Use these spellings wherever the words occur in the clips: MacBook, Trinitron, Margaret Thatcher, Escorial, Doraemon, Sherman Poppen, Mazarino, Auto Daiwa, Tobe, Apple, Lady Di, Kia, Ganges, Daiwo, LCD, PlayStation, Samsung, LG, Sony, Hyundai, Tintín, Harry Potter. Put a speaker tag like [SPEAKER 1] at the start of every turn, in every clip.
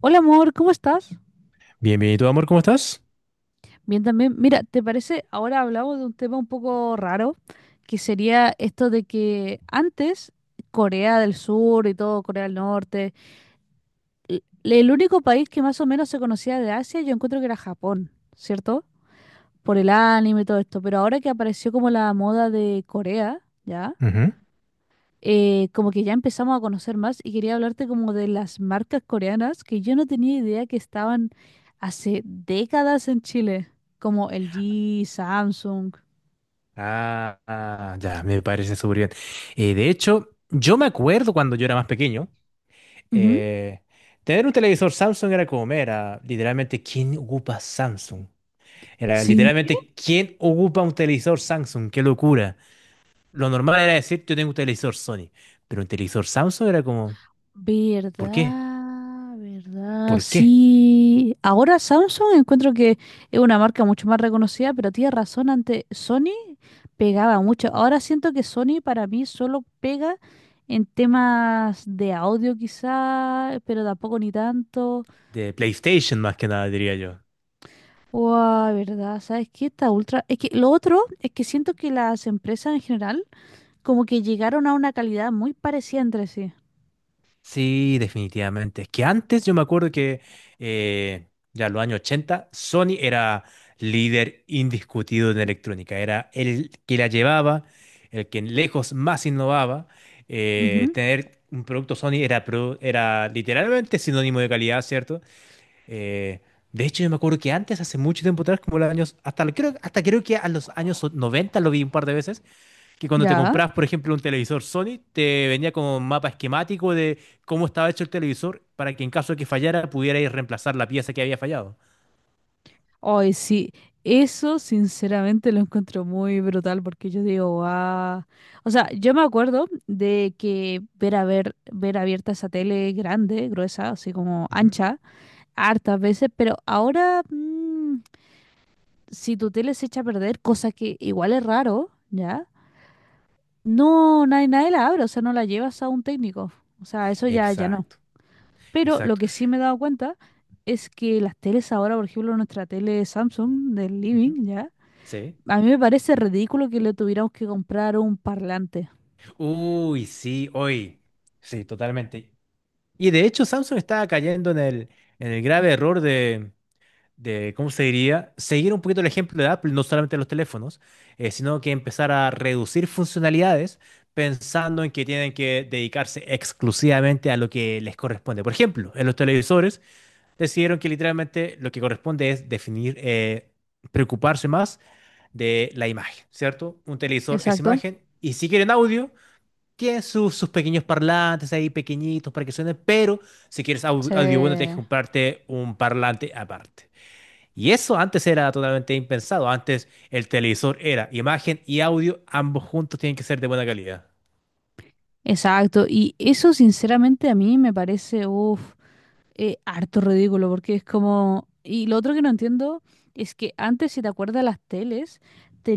[SPEAKER 1] Hola amor, ¿cómo estás?
[SPEAKER 2] Bienvenido, amor, ¿cómo estás?
[SPEAKER 1] Bien también. Mira, ¿te parece? Ahora hablamos de un tema un poco raro, que sería esto de que antes Corea del Sur y todo, Corea del Norte, el único país que más o menos se conocía de Asia, yo encuentro que era Japón, ¿cierto? Por el anime y todo esto, pero ahora que apareció como la moda de Corea, ¿ya?
[SPEAKER 2] Ujú.
[SPEAKER 1] Como que ya empezamos a conocer más y quería hablarte como de las marcas coreanas que yo no tenía idea que estaban hace décadas en Chile, como LG, Samsung.
[SPEAKER 2] Ah, ah, ya, me parece súper bien. De hecho, yo me acuerdo cuando yo era más pequeño,
[SPEAKER 1] Ujú.
[SPEAKER 2] eh, tener un televisor Samsung era como, era literalmente, ¿quién ocupa Samsung? Era
[SPEAKER 1] Sí.
[SPEAKER 2] literalmente, ¿quién ocupa un televisor Samsung? ¡Qué locura! Lo normal era decir, yo tengo un televisor Sony, pero un televisor Samsung era como, ¿por qué?
[SPEAKER 1] Verdad, verdad,
[SPEAKER 2] ¿Por qué?
[SPEAKER 1] sí. Ahora Samsung encuentro que es una marca mucho más reconocida, pero tienes razón, antes Sony pegaba mucho. Ahora siento que Sony para mí solo pega en temas de audio quizá, pero tampoco ni tanto.
[SPEAKER 2] De PlayStation más que nada, diría yo.
[SPEAKER 1] Wow, verdad, ¿sabes qué? Esta ultra. Es que lo otro es que siento que las empresas en general como que llegaron a una calidad muy parecida entre sí.
[SPEAKER 2] Sí, definitivamente. Es que antes yo me acuerdo que eh, ya en los años 80 Sony era líder indiscutido en electrónica. Era el que la llevaba, el que lejos más innovaba. Eh,
[SPEAKER 1] Ujú.
[SPEAKER 2] tener un producto Sony era, era literalmente sinónimo de calidad, ¿cierto? Eh, de hecho, yo me acuerdo que antes, hace mucho tiempo atrás, como los años, hasta creo que a los años 90 lo vi un par de veces, que cuando te
[SPEAKER 1] Ya.
[SPEAKER 2] compras, por ejemplo, un televisor Sony, te venía como un mapa esquemático de cómo estaba hecho el televisor para que en caso de que fallara pudierais reemplazar la pieza que había fallado.
[SPEAKER 1] Hoy sí, eso sinceramente lo encuentro muy brutal porque yo digo, ah. O sea, yo me acuerdo de que ver ver abierta esa tele grande, gruesa, así como
[SPEAKER 2] Ujú.
[SPEAKER 1] ancha, hartas veces, pero ahora, si tu tele se echa a perder, cosa que igual es raro, ¿ya? No, nadie la abre, o sea, no la llevas a un técnico. O sea, eso ya, ya no.
[SPEAKER 2] Exacto,
[SPEAKER 1] Pero lo
[SPEAKER 2] exacto.
[SPEAKER 1] que sí me he dado cuenta es que las teles ahora, por ejemplo, nuestra tele Samsung del
[SPEAKER 2] Ujú.
[SPEAKER 1] living, ¿ya?
[SPEAKER 2] Sí.
[SPEAKER 1] A mí me parece ridículo que le tuviéramos que comprar un parlante.
[SPEAKER 2] Uy, sí, hoy. Sí, totalmente. Y de hecho, Samsung está cayendo en el grave error de, ¿cómo se diría? Seguir un poquito el ejemplo de Apple, no solamente en los teléfonos, sino que empezar a reducir funcionalidades pensando en que tienen que dedicarse exclusivamente a lo que les corresponde. Por ejemplo, en los televisores decidieron que literalmente lo que corresponde es definir, preocuparse más de la imagen, ¿cierto? Un televisor es
[SPEAKER 1] Exacto.
[SPEAKER 2] imagen y si quieren audio, tienen sus, sus pequeños parlantes ahí pequeñitos para que suenen, pero si quieres audio bueno, tienes que
[SPEAKER 1] Sí.
[SPEAKER 2] comprarte un parlante aparte. Y eso antes era totalmente impensado. Antes el televisor era imagen y audio, ambos juntos tienen que ser de buena calidad.
[SPEAKER 1] Exacto. Y eso, sinceramente, a mí me parece, uff, harto ridículo, porque es como... Y lo otro que no entiendo es que antes, si te acuerdas, las teles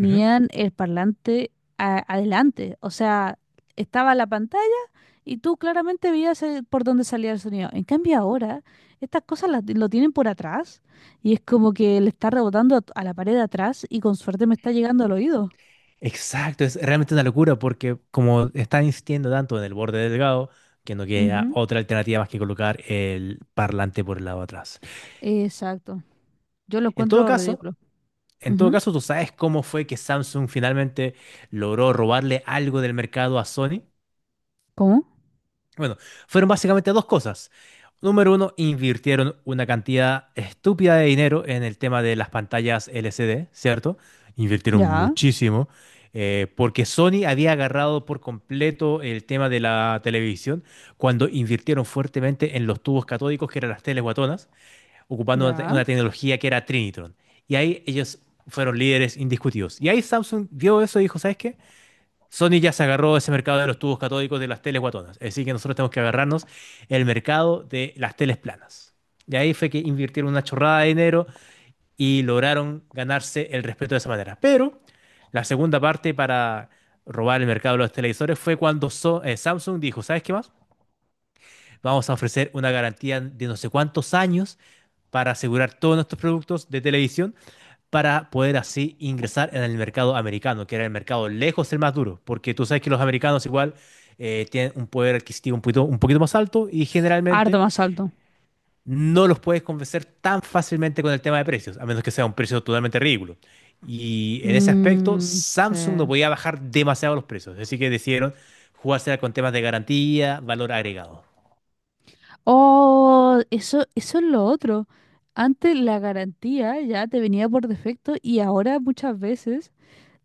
[SPEAKER 2] Ujú.
[SPEAKER 1] el parlante adelante, o sea, estaba la pantalla y tú claramente veías, por dónde salía el sonido. En cambio ahora, estas cosas lo tienen por atrás y es como que le está rebotando a la pared de atrás y con suerte me está llegando al oído.
[SPEAKER 2] Exacto, es realmente una locura porque como están insistiendo tanto en el borde delgado, que no queda
[SPEAKER 1] Ujú.
[SPEAKER 2] otra alternativa más que colocar el parlante por el lado de atrás.
[SPEAKER 1] Exacto. Yo lo
[SPEAKER 2] En todo
[SPEAKER 1] encuentro
[SPEAKER 2] caso,
[SPEAKER 1] ridículo.
[SPEAKER 2] en todo
[SPEAKER 1] Ujú.
[SPEAKER 2] caso, ¿tú sabes cómo fue que Samsung finalmente logró robarle algo del mercado a Sony?
[SPEAKER 1] ¿Cómo?
[SPEAKER 2] Bueno, fueron básicamente dos cosas. Número uno, invirtieron una cantidad estúpida de dinero en el tema de las pantallas LCD, ¿cierto? Invirtieron
[SPEAKER 1] Ya,
[SPEAKER 2] muchísimo, porque Sony había agarrado por completo el tema de la televisión cuando invirtieron fuertemente en los tubos catódicos, que eran las teles guatonas, ocupando una,
[SPEAKER 1] ya.
[SPEAKER 2] una tecnología que era Trinitron. Y ahí ellos fueron líderes indiscutidos. Y ahí Samsung vio eso y dijo, ¿sabes qué? Sony ya se agarró ese mercado de los tubos catódicos de las teles guatonas. Así que nosotros tenemos que agarrarnos el mercado de las teles planas. Y ahí fue que invirtieron una chorrada de dinero y lograron ganarse el respeto de esa manera. Pero la segunda parte para robar el mercado de los televisores fue cuando Samsung dijo, ¿sabes qué más? Vamos a ofrecer una garantía de no sé cuántos años para asegurar todos nuestros productos de televisión para poder así ingresar en el mercado americano, que era el mercado lejos el más duro, porque tú sabes que los americanos igual tienen un poder adquisitivo un poquito más alto y
[SPEAKER 1] Harto
[SPEAKER 2] generalmente
[SPEAKER 1] más alto.
[SPEAKER 2] no los puedes convencer tan fácilmente con el tema de precios, a menos que sea un precio totalmente ridículo. Y en ese aspecto,
[SPEAKER 1] Mm,
[SPEAKER 2] Samsung no
[SPEAKER 1] sí.
[SPEAKER 2] podía bajar demasiado los precios, así que decidieron jugarse con temas de garantía, valor agregado.
[SPEAKER 1] Oh, eso es lo otro. Antes la garantía ya te venía por defecto y ahora muchas veces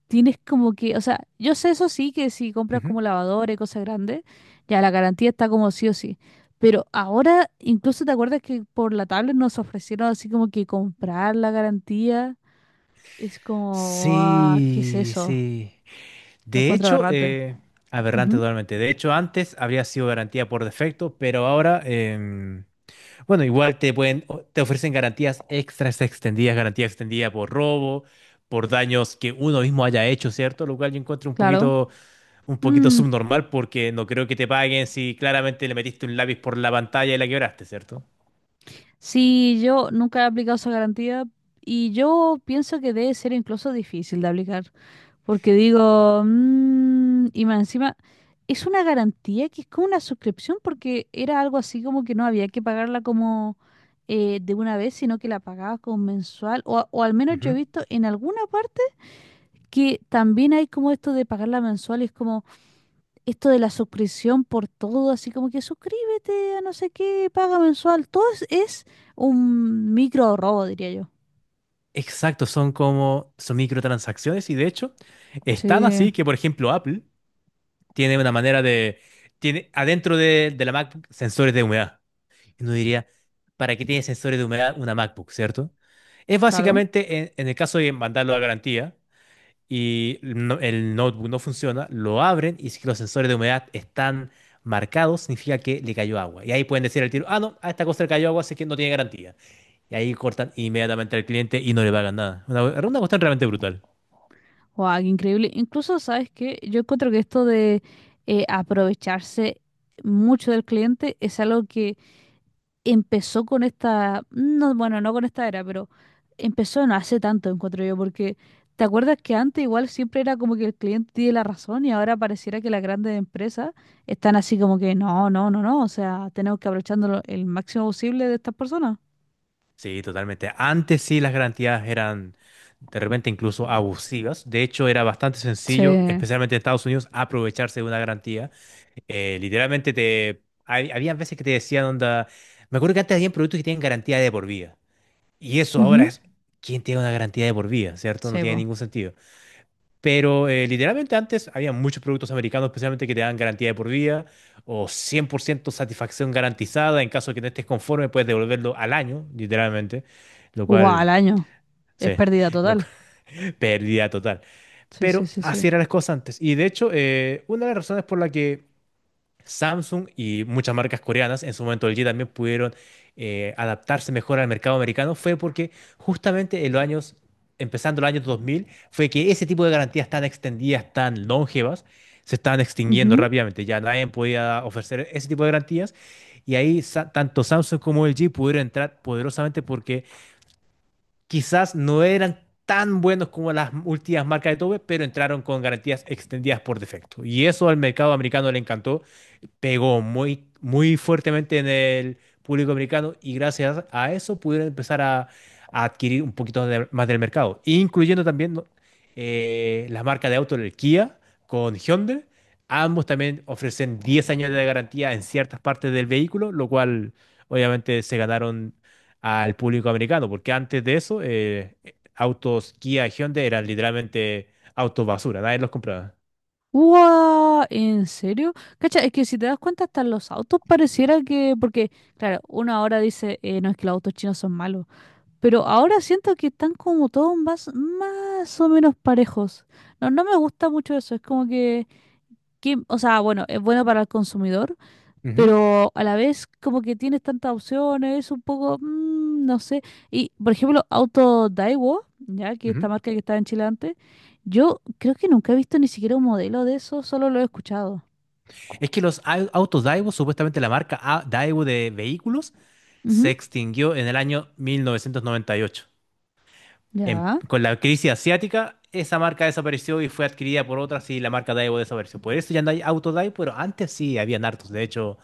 [SPEAKER 1] tienes como que, o sea, yo sé eso sí, que si compras
[SPEAKER 2] Ujú.
[SPEAKER 1] como lavadora y cosas grandes, ya la garantía está como sí o sí. Pero ahora incluso te acuerdas que por la tablet nos ofrecieron así como que comprar la garantía. Es como, ah, ¿qué es
[SPEAKER 2] Sí,
[SPEAKER 1] eso?
[SPEAKER 2] sí.
[SPEAKER 1] Lo
[SPEAKER 2] De
[SPEAKER 1] encuentro
[SPEAKER 2] hecho,
[SPEAKER 1] aberrante.
[SPEAKER 2] eh, Aberrante
[SPEAKER 1] Ujú,
[SPEAKER 2] totalmente. De hecho, antes habría sido garantía por defecto, pero ahora, bueno, igual te pueden, te ofrecen garantías extras extendidas, garantía extendida por robo, por daños que uno mismo haya hecho, ¿cierto? Lo cual yo encuentro
[SPEAKER 1] claro.
[SPEAKER 2] un poquito
[SPEAKER 1] Mm.
[SPEAKER 2] subnormal porque no creo que te paguen si claramente le metiste un lápiz por la pantalla y la quebraste, ¿cierto?
[SPEAKER 1] Sí, yo nunca he aplicado esa garantía y yo pienso que debe ser incluso difícil de aplicar, porque digo, mm, y más encima, es una garantía que es como una suscripción, porque era algo así como que no había que pagarla como, de una vez, sino que la pagabas como mensual, o al menos yo he
[SPEAKER 2] Ujú.
[SPEAKER 1] visto en alguna parte que también hay como esto de pagarla mensual, y es como esto de la suscripción por todo, así como que suscríbete a no sé qué, paga mensual, todo es un micro robo, diría yo.
[SPEAKER 2] Exacto, son como, son microtransacciones y de hecho, están
[SPEAKER 1] Sí,
[SPEAKER 2] así que, por ejemplo, Apple tiene una manera de... Tiene adentro de la MacBook sensores de humedad. Y uno diría, ¿para qué tiene sensores de humedad una MacBook, cierto? Es
[SPEAKER 1] claro.
[SPEAKER 2] básicamente en el caso de mandarlo a garantía y el notebook no funciona, lo abren y si los sensores de humedad están marcados, significa que le cayó agua. Y ahí pueden decir al tiro, ah, no, a esta cosa le cayó agua, así que no tiene garantía. Y ahí cortan inmediatamente al cliente y no le pagan nada. Una cuestión realmente brutal.
[SPEAKER 1] Wow, qué increíble. Incluso, ¿sabes qué? Yo encuentro que esto de, aprovecharse mucho del cliente es algo que empezó con esta, no, bueno, no con esta era, pero empezó no hace tanto, encuentro yo, porque ¿te acuerdas que antes igual siempre era como que el cliente tiene la razón y ahora pareciera que las grandes empresas están así como que no, no, no, no, o sea, tenemos que aprovecharnos el máximo posible de estas personas?
[SPEAKER 2] Sí, totalmente. Antes sí las garantías eran de repente incluso abusivas. De hecho, era bastante
[SPEAKER 1] Sí.
[SPEAKER 2] sencillo, especialmente en Estados Unidos, aprovecharse de una garantía. Literalmente te... habían veces que te decían, onda, me acuerdo que antes había productos que tienen garantía de por vida. Y eso ahora
[SPEAKER 1] Ujú.
[SPEAKER 2] es, ¿quién tiene una garantía de por vida? ¿Cierto? No
[SPEAKER 1] Sí,
[SPEAKER 2] tiene
[SPEAKER 1] pues.
[SPEAKER 2] ningún sentido. Pero literalmente antes había muchos productos americanos, especialmente que te dan garantía de por vida o 100% satisfacción garantizada. En caso de que no estés conforme, puedes devolverlo al año, literalmente. Lo
[SPEAKER 1] Wow, al
[SPEAKER 2] cual,
[SPEAKER 1] año. Es
[SPEAKER 2] sí,
[SPEAKER 1] pérdida
[SPEAKER 2] lo
[SPEAKER 1] total.
[SPEAKER 2] cual- pérdida total.
[SPEAKER 1] Sí, sí,
[SPEAKER 2] Pero
[SPEAKER 1] sí, sí.
[SPEAKER 2] así eran las cosas antes. Y de hecho, una de las razones por la que Samsung y muchas marcas coreanas, en su momento LG también pudieron adaptarse mejor al mercado americano, fue porque justamente en los años, empezando los años 2000, fue que ese tipo de garantías tan extendidas, tan longevas, se estaban extinguiendo
[SPEAKER 1] Ujú.
[SPEAKER 2] rápidamente. Ya nadie podía ofrecer ese tipo de garantías. Y ahí tanto Samsung como LG pudieron entrar poderosamente porque quizás no eran tan buenos como las últimas marcas de Tobe, pero entraron con garantías extendidas por defecto. Y eso al mercado americano le encantó, pegó muy, muy fuertemente en el público americano y gracias a eso pudieron empezar a, adquirir un poquito más del mercado, incluyendo también, ¿no? Las marcas de auto, el Kia con Hyundai. Ambos también ofrecen 10 años de garantía en ciertas partes del vehículo, lo cual obviamente se ganaron al público americano, porque antes de eso, autos Kia y Hyundai eran literalmente autos basura, nadie los compraba.
[SPEAKER 1] ¡Guau! ¿En serio? Cacha, es que si te das cuenta, hasta los autos pareciera que. Porque, claro, uno ahora dice, no es que los autos chinos son malos. Pero ahora siento que están como todos más, más o menos parejos. No, no me gusta mucho eso. Es como que, que. O sea, bueno, es bueno para el consumidor,
[SPEAKER 2] Ujú,
[SPEAKER 1] pero a la vez como que tienes tantas opciones, es un poco, mm, no sé. Y, por ejemplo, Auto Daiwa, ya que esta
[SPEAKER 2] ujú.
[SPEAKER 1] marca que estaba en Chile antes, yo creo que nunca he visto ni siquiera un modelo de eso, solo lo he escuchado.
[SPEAKER 2] Es que los autos Daiwo, supuestamente la marca Daiwo de vehículos, se
[SPEAKER 1] Ujú.
[SPEAKER 2] extinguió en el año 1998. En-
[SPEAKER 1] Ya.
[SPEAKER 2] con la crisis asiática, esa marca desapareció y fue adquirida por otras y la marca Daiwo desapareció. Por eso ya no hay autos Daiwo, pero antes sí habían hartos. De hecho,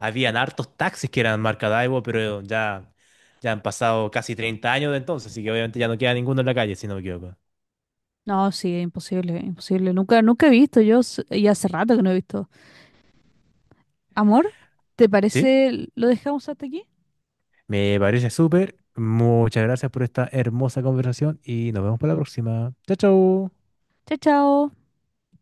[SPEAKER 2] habían hartos taxis que eran marca Daiwo, pero ya, ya han pasado casi 30 años de entonces, así que obviamente ya no queda ninguno en la calle, si no me equivoco.
[SPEAKER 1] No, sí, imposible, imposible. Nunca, nunca he visto, yo, y hace rato que no he visto. Amor, ¿te
[SPEAKER 2] ¿Sí?
[SPEAKER 1] parece lo dejamos hasta aquí?
[SPEAKER 2] Me parece súper. Muchas gracias por esta hermosa conversación y nos vemos para la próxima. Chao, chao.
[SPEAKER 1] Chao, chao.